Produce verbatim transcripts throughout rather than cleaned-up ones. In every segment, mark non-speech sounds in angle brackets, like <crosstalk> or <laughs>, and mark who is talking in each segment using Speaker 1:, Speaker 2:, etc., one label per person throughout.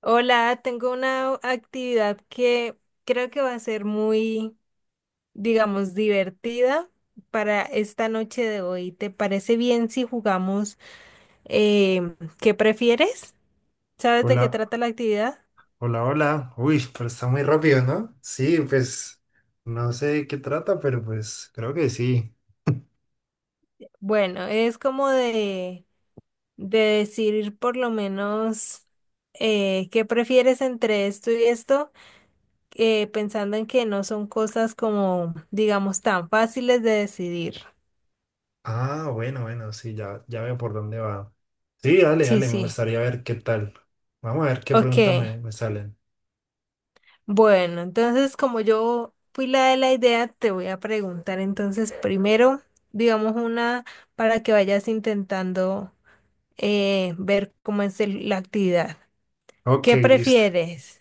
Speaker 1: Hola, tengo una actividad que creo que va a ser muy, digamos, divertida para esta noche de hoy. ¿Te parece bien si jugamos? Eh, ¿qué prefieres? ¿Sabes de qué
Speaker 2: Hola,
Speaker 1: trata la actividad?
Speaker 2: hola, hola. Uy, pero está muy rápido, ¿no? Sí, pues no sé de qué trata, pero pues creo que sí.
Speaker 1: Bueno, es como de, de decir por lo menos, eh, qué prefieres entre esto y esto, eh, pensando en que no son cosas como, digamos, tan fáciles de decidir.
Speaker 2: Ah, bueno, bueno, sí, ya, ya veo por dónde va. Sí, dale,
Speaker 1: Sí,
Speaker 2: dale, me
Speaker 1: sí.
Speaker 2: gustaría ver qué tal. Vamos a ver qué
Speaker 1: Ok.
Speaker 2: preguntas me, me salen.
Speaker 1: Bueno, entonces como yo fui la de la idea, te voy a preguntar entonces primero, digamos una para que vayas intentando, eh, ver cómo es el- la actividad.
Speaker 2: Ok,
Speaker 1: ¿Qué
Speaker 2: listo.
Speaker 1: prefieres?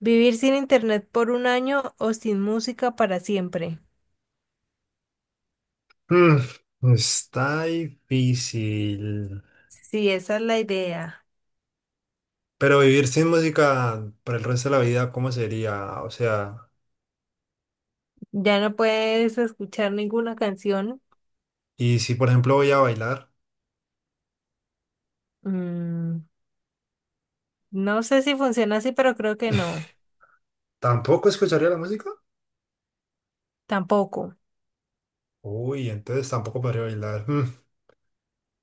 Speaker 1: ¿Vivir sin internet por un año o sin música para siempre?
Speaker 2: Mm, está difícil.
Speaker 1: Sí, esa es la idea.
Speaker 2: Pero vivir sin música para el resto de la vida, ¿cómo sería? O sea,
Speaker 1: Ya no puedes escuchar ninguna canción.
Speaker 2: y si por ejemplo voy a bailar,
Speaker 1: Mm, no sé si funciona así, pero creo que no.
Speaker 2: ¿tampoco escucharía la música?
Speaker 1: Tampoco.
Speaker 2: Uy, entonces tampoco podría bailar. Mm.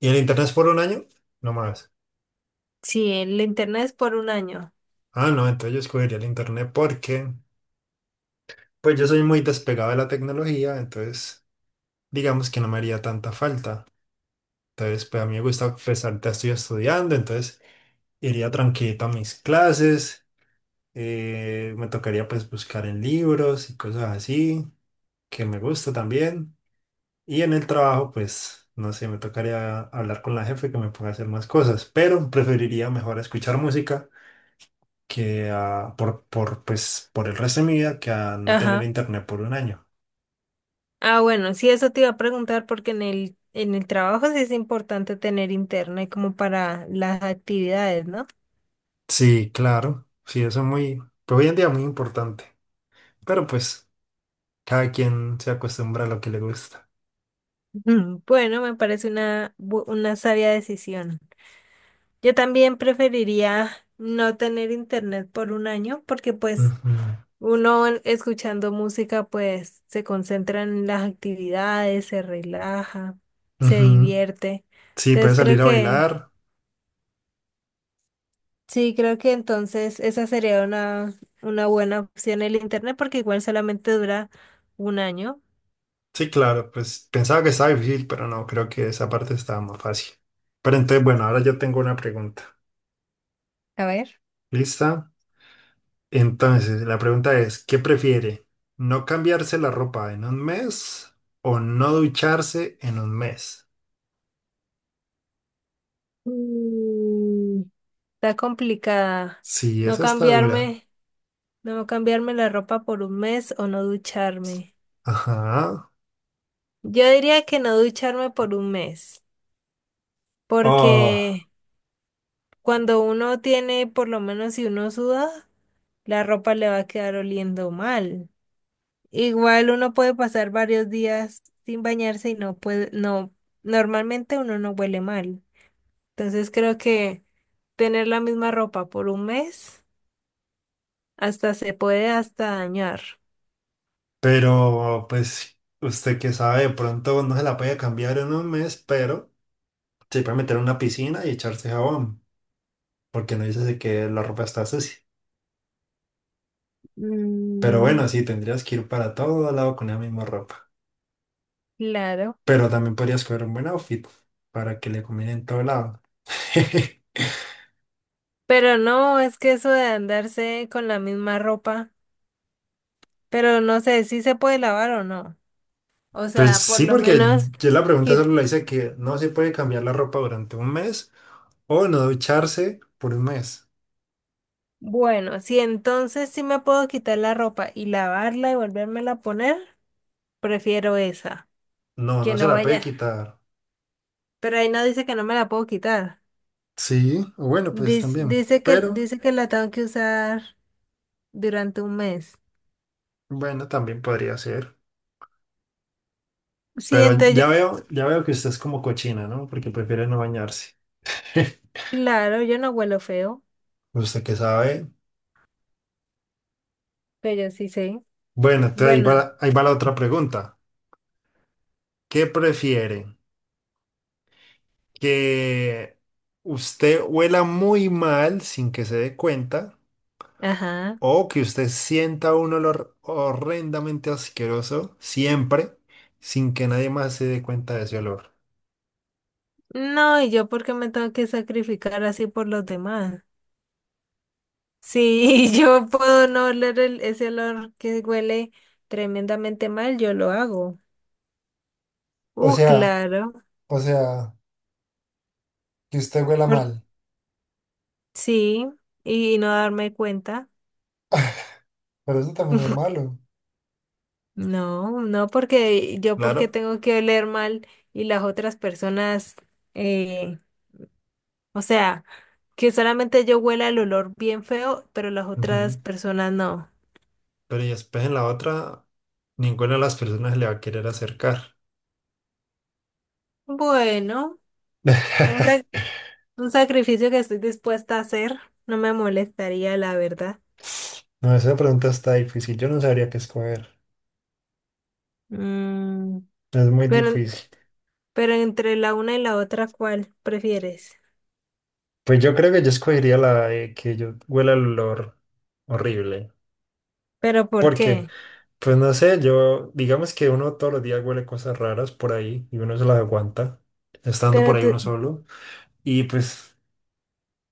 Speaker 2: ¿Y el internet es por un año? No más.
Speaker 1: Sí, el internet es por un año.
Speaker 2: Ah, no, entonces yo escogería el internet porque, pues yo soy muy despegado de la tecnología, entonces digamos que no me haría tanta falta. Entonces, pues a mí me gusta, pues ahorita estoy estudiando, entonces iría tranquilito a mis clases, eh, me tocaría pues buscar en libros y cosas así, que me gusta también. Y en el trabajo, pues, no sé, me tocaría hablar con la jefe que me ponga a hacer más cosas, pero preferiría mejor escuchar música que a- por, por, pues, por el resto de mi vida que a no tener
Speaker 1: Ajá.
Speaker 2: internet por un año.
Speaker 1: Ah, bueno, sí, eso te iba a preguntar porque en el, en el trabajo sí es importante tener internet como para las actividades, ¿no? <clears throat>
Speaker 2: Sí, claro, sí, eso es muy, pues hoy en día muy importante, pero pues cada quien se acostumbra a lo que le gusta.
Speaker 1: Ujú. Bueno, me parece una, bu- una sabia decisión. Yo también preferiría no tener internet por un año porque pues
Speaker 2: Ujú,
Speaker 1: uno en- escuchando música pues se concentra en las actividades, se relaja, se
Speaker 2: ujú.
Speaker 1: divierte.
Speaker 2: Sí, puede
Speaker 1: Entonces creo
Speaker 2: salir a
Speaker 1: que
Speaker 2: bailar.
Speaker 1: Sí, creo que entonces esa sería una, una buena opción el internet porque igual solamente dura un año.
Speaker 2: Sí, claro, pues pensaba que estaba difícil, pero no, creo que esa parte estaba más fácil. Pero entonces, bueno, ahora yo tengo una pregunta.
Speaker 1: A ver.
Speaker 2: ¿Lista? Entonces, la pregunta es, ¿qué prefiere? ¿No cambiarse la ropa en un mes o no ducharse en un mes?
Speaker 1: Mm, está complicada.
Speaker 2: Sí,
Speaker 1: No
Speaker 2: esa está dura.
Speaker 1: cambiarme, no cambiarme la ropa por un mes o no ducharme.
Speaker 2: Ajá.
Speaker 1: Yo diría que no ducharme por un mes, porque
Speaker 2: Oh,
Speaker 1: cuando uno tiene, por lo menos si uno suda, la ropa le va a quedar oliendo mal. Igual uno puede pasar varios días sin bañarse y no puede, no, normalmente uno no huele mal. Entonces creo que tener la misma ropa por un mes hasta se puede hasta dañar.
Speaker 2: pero pues usted que sabe, de pronto no se la puede cambiar en un mes, pero se puede meter en una piscina y echarse jabón, porque no dice que la ropa está sucia. Pero bueno,
Speaker 1: Mm.
Speaker 2: sí, tendrías que ir para todo lado con la misma ropa.
Speaker 1: Claro.
Speaker 2: Pero también podrías coger un buen outfit para que le combine en todo lado. <laughs>
Speaker 1: Pero no, es que eso de andarse con la misma ropa, pero no sé si se puede lavar o no. O
Speaker 2: Pues
Speaker 1: sea, por
Speaker 2: sí,
Speaker 1: lo
Speaker 2: porque
Speaker 1: menos,
Speaker 2: yo la pregunta
Speaker 1: quit-
Speaker 2: solo la hice que no se puede cambiar la ropa durante un mes o no ducharse por un mes.
Speaker 1: bueno, si entonces sí me puedo quitar la ropa y lavarla y volvérmela a poner, prefiero esa.
Speaker 2: No,
Speaker 1: Que
Speaker 2: no se
Speaker 1: no
Speaker 2: la puede
Speaker 1: vaya.
Speaker 2: quitar.
Speaker 1: Pero ahí no dice que no me la puedo quitar.
Speaker 2: Sí, o bueno, pues
Speaker 1: Dice,
Speaker 2: también.
Speaker 1: dice que,
Speaker 2: Pero
Speaker 1: dice que la tengo que usar durante un mes.
Speaker 2: bueno, también podría ser.
Speaker 1: Sí,
Speaker 2: Pero
Speaker 1: entonces yo,
Speaker 2: ya veo, ya veo que usted es como cochina, ¿no? Porque prefiere no bañarse. <laughs>
Speaker 1: no, claro, yo no huelo feo,
Speaker 2: Usted que sabe.
Speaker 1: pero yo sí sé.
Speaker 2: Bueno, entonces ahí
Speaker 1: Bueno,
Speaker 2: va, ahí va la otra pregunta. ¿Qué prefiere? ¿Que usted huela muy mal sin que se dé cuenta?
Speaker 1: ajá.
Speaker 2: O que usted sienta un olor horrendamente asqueroso siempre sin que nadie más se dé cuenta de ese olor.
Speaker 1: No, ¿y yo por qué me tengo que sacrificar así por los demás? Si <laughs> yo puedo no oler el- ese olor que huele tremendamente mal, yo lo hago.
Speaker 2: O
Speaker 1: Uh,
Speaker 2: sea,
Speaker 1: claro.
Speaker 2: o sea, que usted huela
Speaker 1: Por-
Speaker 2: mal,
Speaker 1: sí, y no darme cuenta.
Speaker 2: pero eso también es
Speaker 1: <laughs>
Speaker 2: malo.
Speaker 1: No, no, porque yo porque
Speaker 2: Claro.
Speaker 1: tengo que oler mal y las otras personas, eh, o sea, que solamente yo huela el olor bien feo, pero las otras
Speaker 2: Ujú.
Speaker 1: personas no.
Speaker 2: Pero y después en la otra, ninguna de las personas le va a querer acercar.
Speaker 1: Bueno, un, sac-
Speaker 2: <laughs>
Speaker 1: un sacrificio que estoy dispuesta a hacer, no me molestaría, la verdad.
Speaker 2: No, esa pregunta está difícil. Yo no sabría qué escoger.
Speaker 1: Mm,
Speaker 2: Es muy
Speaker 1: pero,
Speaker 2: difícil.
Speaker 1: pero entre la una y la otra, ¿cuál prefieres?
Speaker 2: Pues yo creo que yo escogería la de que yo huela el olor horrible.
Speaker 1: ¿Pero por
Speaker 2: ¿Por qué?
Speaker 1: qué?
Speaker 2: Pues no sé, yo, digamos que uno todos los días huele cosas raras por ahí y uno se las aguanta, estando por
Speaker 1: Pero
Speaker 2: ahí
Speaker 1: tú-
Speaker 2: uno solo. Y pues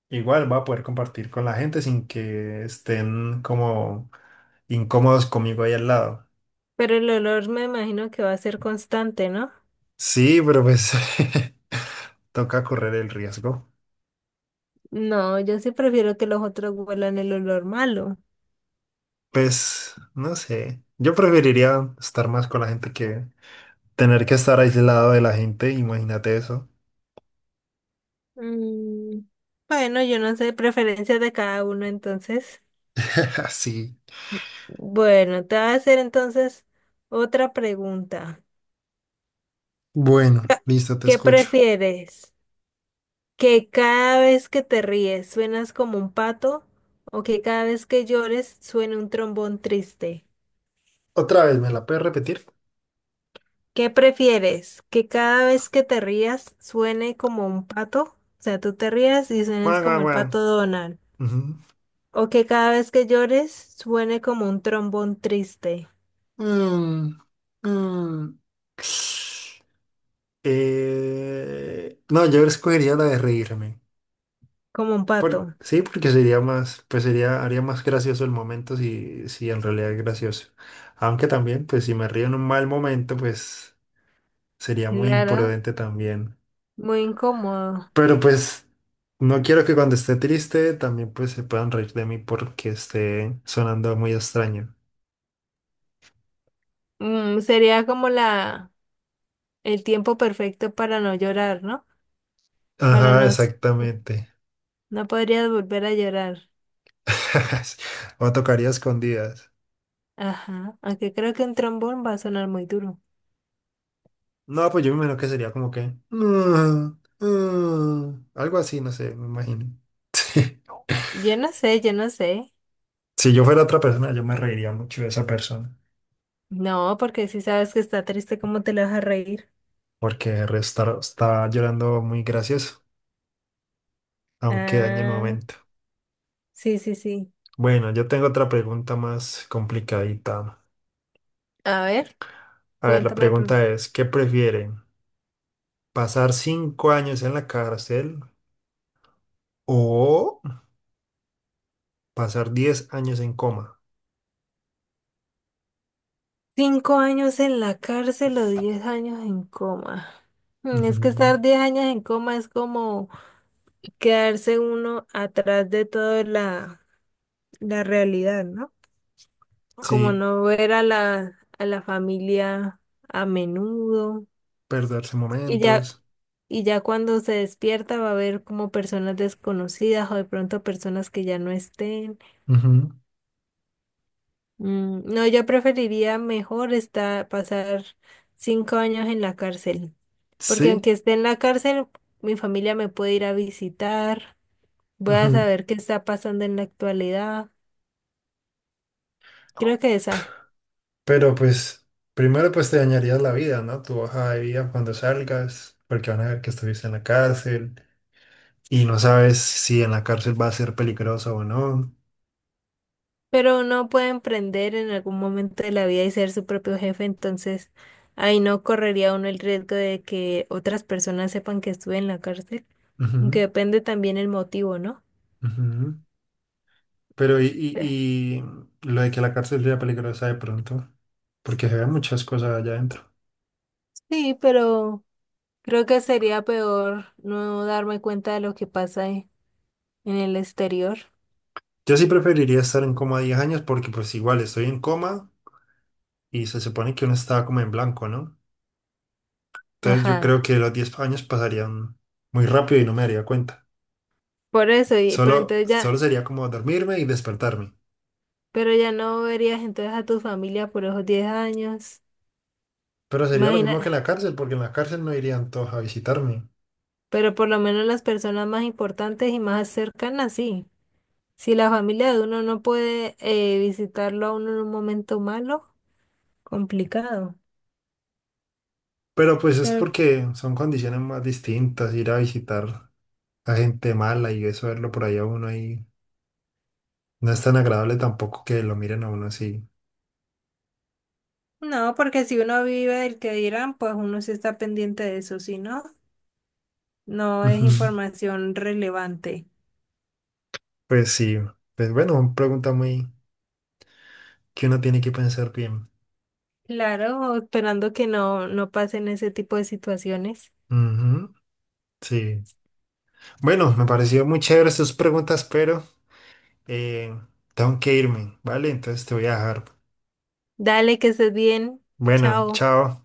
Speaker 2: igual va a poder compartir con la gente sin que estén como incómodos conmigo ahí al lado.
Speaker 1: pero el olor me imagino que va a ser constante, ¿no?
Speaker 2: Sí, pero pues <laughs> toca correr el riesgo.
Speaker 1: No, yo sí prefiero que los otros huelan el olor malo.
Speaker 2: Pues no sé, yo preferiría estar más con la gente que tener que estar aislado de la gente, imagínate eso.
Speaker 1: Mm, Bueno, yo no sé, preferencia de cada uno, entonces.
Speaker 2: <laughs> Así.
Speaker 1: Bueno, te voy a hacer entonces otra pregunta.
Speaker 2: Bueno,
Speaker 1: Ca-
Speaker 2: listo, te
Speaker 1: ¿Qué
Speaker 2: escucho.
Speaker 1: prefieres? ¿Que cada vez que te ríes suenas como un pato o que cada vez que llores suene un trombón triste?
Speaker 2: Otra vez, ¿me la puedes repetir?
Speaker 1: ¿Qué prefieres? ¿Que cada vez que te rías suene como un pato? O sea, tú te rías y suenes
Speaker 2: Guau, guau,
Speaker 1: como el
Speaker 2: guau.
Speaker 1: pato Donald.
Speaker 2: Ujú.
Speaker 1: O que cada vez que llores suene como un trombón triste,
Speaker 2: Mm, mm. Eh, no, yo escogería la de reírme.
Speaker 1: como un
Speaker 2: Por,
Speaker 1: pato.
Speaker 2: sí, porque sería más, pues sería, haría más gracioso el momento si, si en realidad es gracioso. Aunque también, pues si me río en un mal momento, pues sería muy
Speaker 1: Claro,
Speaker 2: imprudente también.
Speaker 1: muy incómodo.
Speaker 2: Pero pues no quiero que cuando esté triste también pues se puedan reír de mí porque esté sonando muy extraño.
Speaker 1: Mm, sería como la el tiempo perfecto para no llorar, ¿no? Para
Speaker 2: Ajá,
Speaker 1: nos
Speaker 2: exactamente.
Speaker 1: No podrías volver a llorar.
Speaker 2: <laughs> O tocaría escondidas.
Speaker 1: Ajá, aunque creo que un trombón va a sonar muy duro.
Speaker 2: No, pues yo me imagino que sería como que... "Mm, mm", algo así, no sé, me imagino. <laughs>
Speaker 1: Yo no sé, yo no sé.
Speaker 2: Si yo fuera otra persona, yo me reiría mucho de esa persona,
Speaker 1: No, porque si sabes que está triste, ¿cómo te lo vas a reír?
Speaker 2: porque el resto está llorando muy gracioso, aunque dañe el
Speaker 1: Ah,
Speaker 2: momento.
Speaker 1: sí, sí, sí.
Speaker 2: Bueno, yo tengo otra pregunta más complicadita.
Speaker 1: A ver,
Speaker 2: A ver, la
Speaker 1: cuéntame. La
Speaker 2: pregunta es, ¿qué prefieren? ¿Pasar cinco años en la cárcel o pasar diez años en coma?
Speaker 1: Cinco años en la cárcel o diez años en coma. Mm, Es que
Speaker 2: Ujú.
Speaker 1: estar diez años en coma es como quedarse uno atrás de toda la, la realidad, ¿no? Como
Speaker 2: Sí,
Speaker 1: no ver a la, a la familia a menudo.
Speaker 2: perderse
Speaker 1: Y ya,
Speaker 2: momentos.
Speaker 1: y ya cuando se despierta va a ver como personas desconocidas o de pronto personas que ya no estén.
Speaker 2: Ujú,
Speaker 1: Mm, no, yo preferiría mejor estar, pasar cinco años en la cárcel, porque
Speaker 2: sí,
Speaker 1: aunque esté en la cárcel, mi familia me puede ir a visitar, voy a
Speaker 2: ujú.
Speaker 1: saber qué está pasando en la actualidad, creo que esa,
Speaker 2: Pero pues primero pues te dañarías la vida, ¿no? Tu hoja de vida cuando salgas, porque van a ver que estuviste en la cárcel y no sabes si en la cárcel va a ser peligroso o no.
Speaker 1: pero uno puede emprender en algún momento de la vida y ser su propio jefe, entonces ahí no correría uno el riesgo de que otras personas sepan que estuve en la cárcel, aunque
Speaker 2: Ujú,
Speaker 1: depende también el motivo, ¿no?
Speaker 2: ujú. Pero y,
Speaker 1: Eh,
Speaker 2: y, y lo de que la cárcel sea peligrosa de pronto, porque se ven muchas cosas allá adentro.
Speaker 1: Sí, pero... Creo que sería peor no darme cuenta de lo que pasa en en el exterior.
Speaker 2: Yo sí preferiría estar en coma diez años porque pues igual estoy en coma y se supone que uno estaba como en blanco, ¿no? Entonces yo
Speaker 1: Ajá.
Speaker 2: creo que los diez años pasarían muy rápido y no me daría cuenta.
Speaker 1: Por eso, y, pero
Speaker 2: Solo,
Speaker 1: entonces ya,
Speaker 2: solo sería como dormirme y despertarme.
Speaker 1: pero ya no verías entonces a tu familia por esos diez años.
Speaker 2: Pero sería lo
Speaker 1: Imagina,
Speaker 2: mismo que en la cárcel, porque en la cárcel no irían todos a visitarme.
Speaker 1: pero por lo menos las personas más importantes y más cercanas, sí. Si la familia de uno no puede eh, visitarlo a uno en un momento malo, complicado.
Speaker 2: Pero pues es
Speaker 1: Pero
Speaker 2: porque son condiciones más distintas, ir a visitar a gente mala y eso verlo por ahí a uno ahí no es tan agradable tampoco que lo miren a uno así.
Speaker 1: no, porque si uno vive el que dirán, pues uno sí está pendiente de eso, si no, no es
Speaker 2: Ujú.
Speaker 1: información relevante.
Speaker 2: Pues sí, pues bueno, pregunta muy que uno tiene que pensar bien.
Speaker 1: Claro, esperando que no, no pasen ese tipo de situaciones.
Speaker 2: Ujú, sí. Bueno, me pareció muy chévere estas preguntas, pero... Eh, tengo que irme, ¿vale? Entonces te voy a dejar.
Speaker 1: Dale, que estés bien.
Speaker 2: Bueno,
Speaker 1: Chao.
Speaker 2: chao.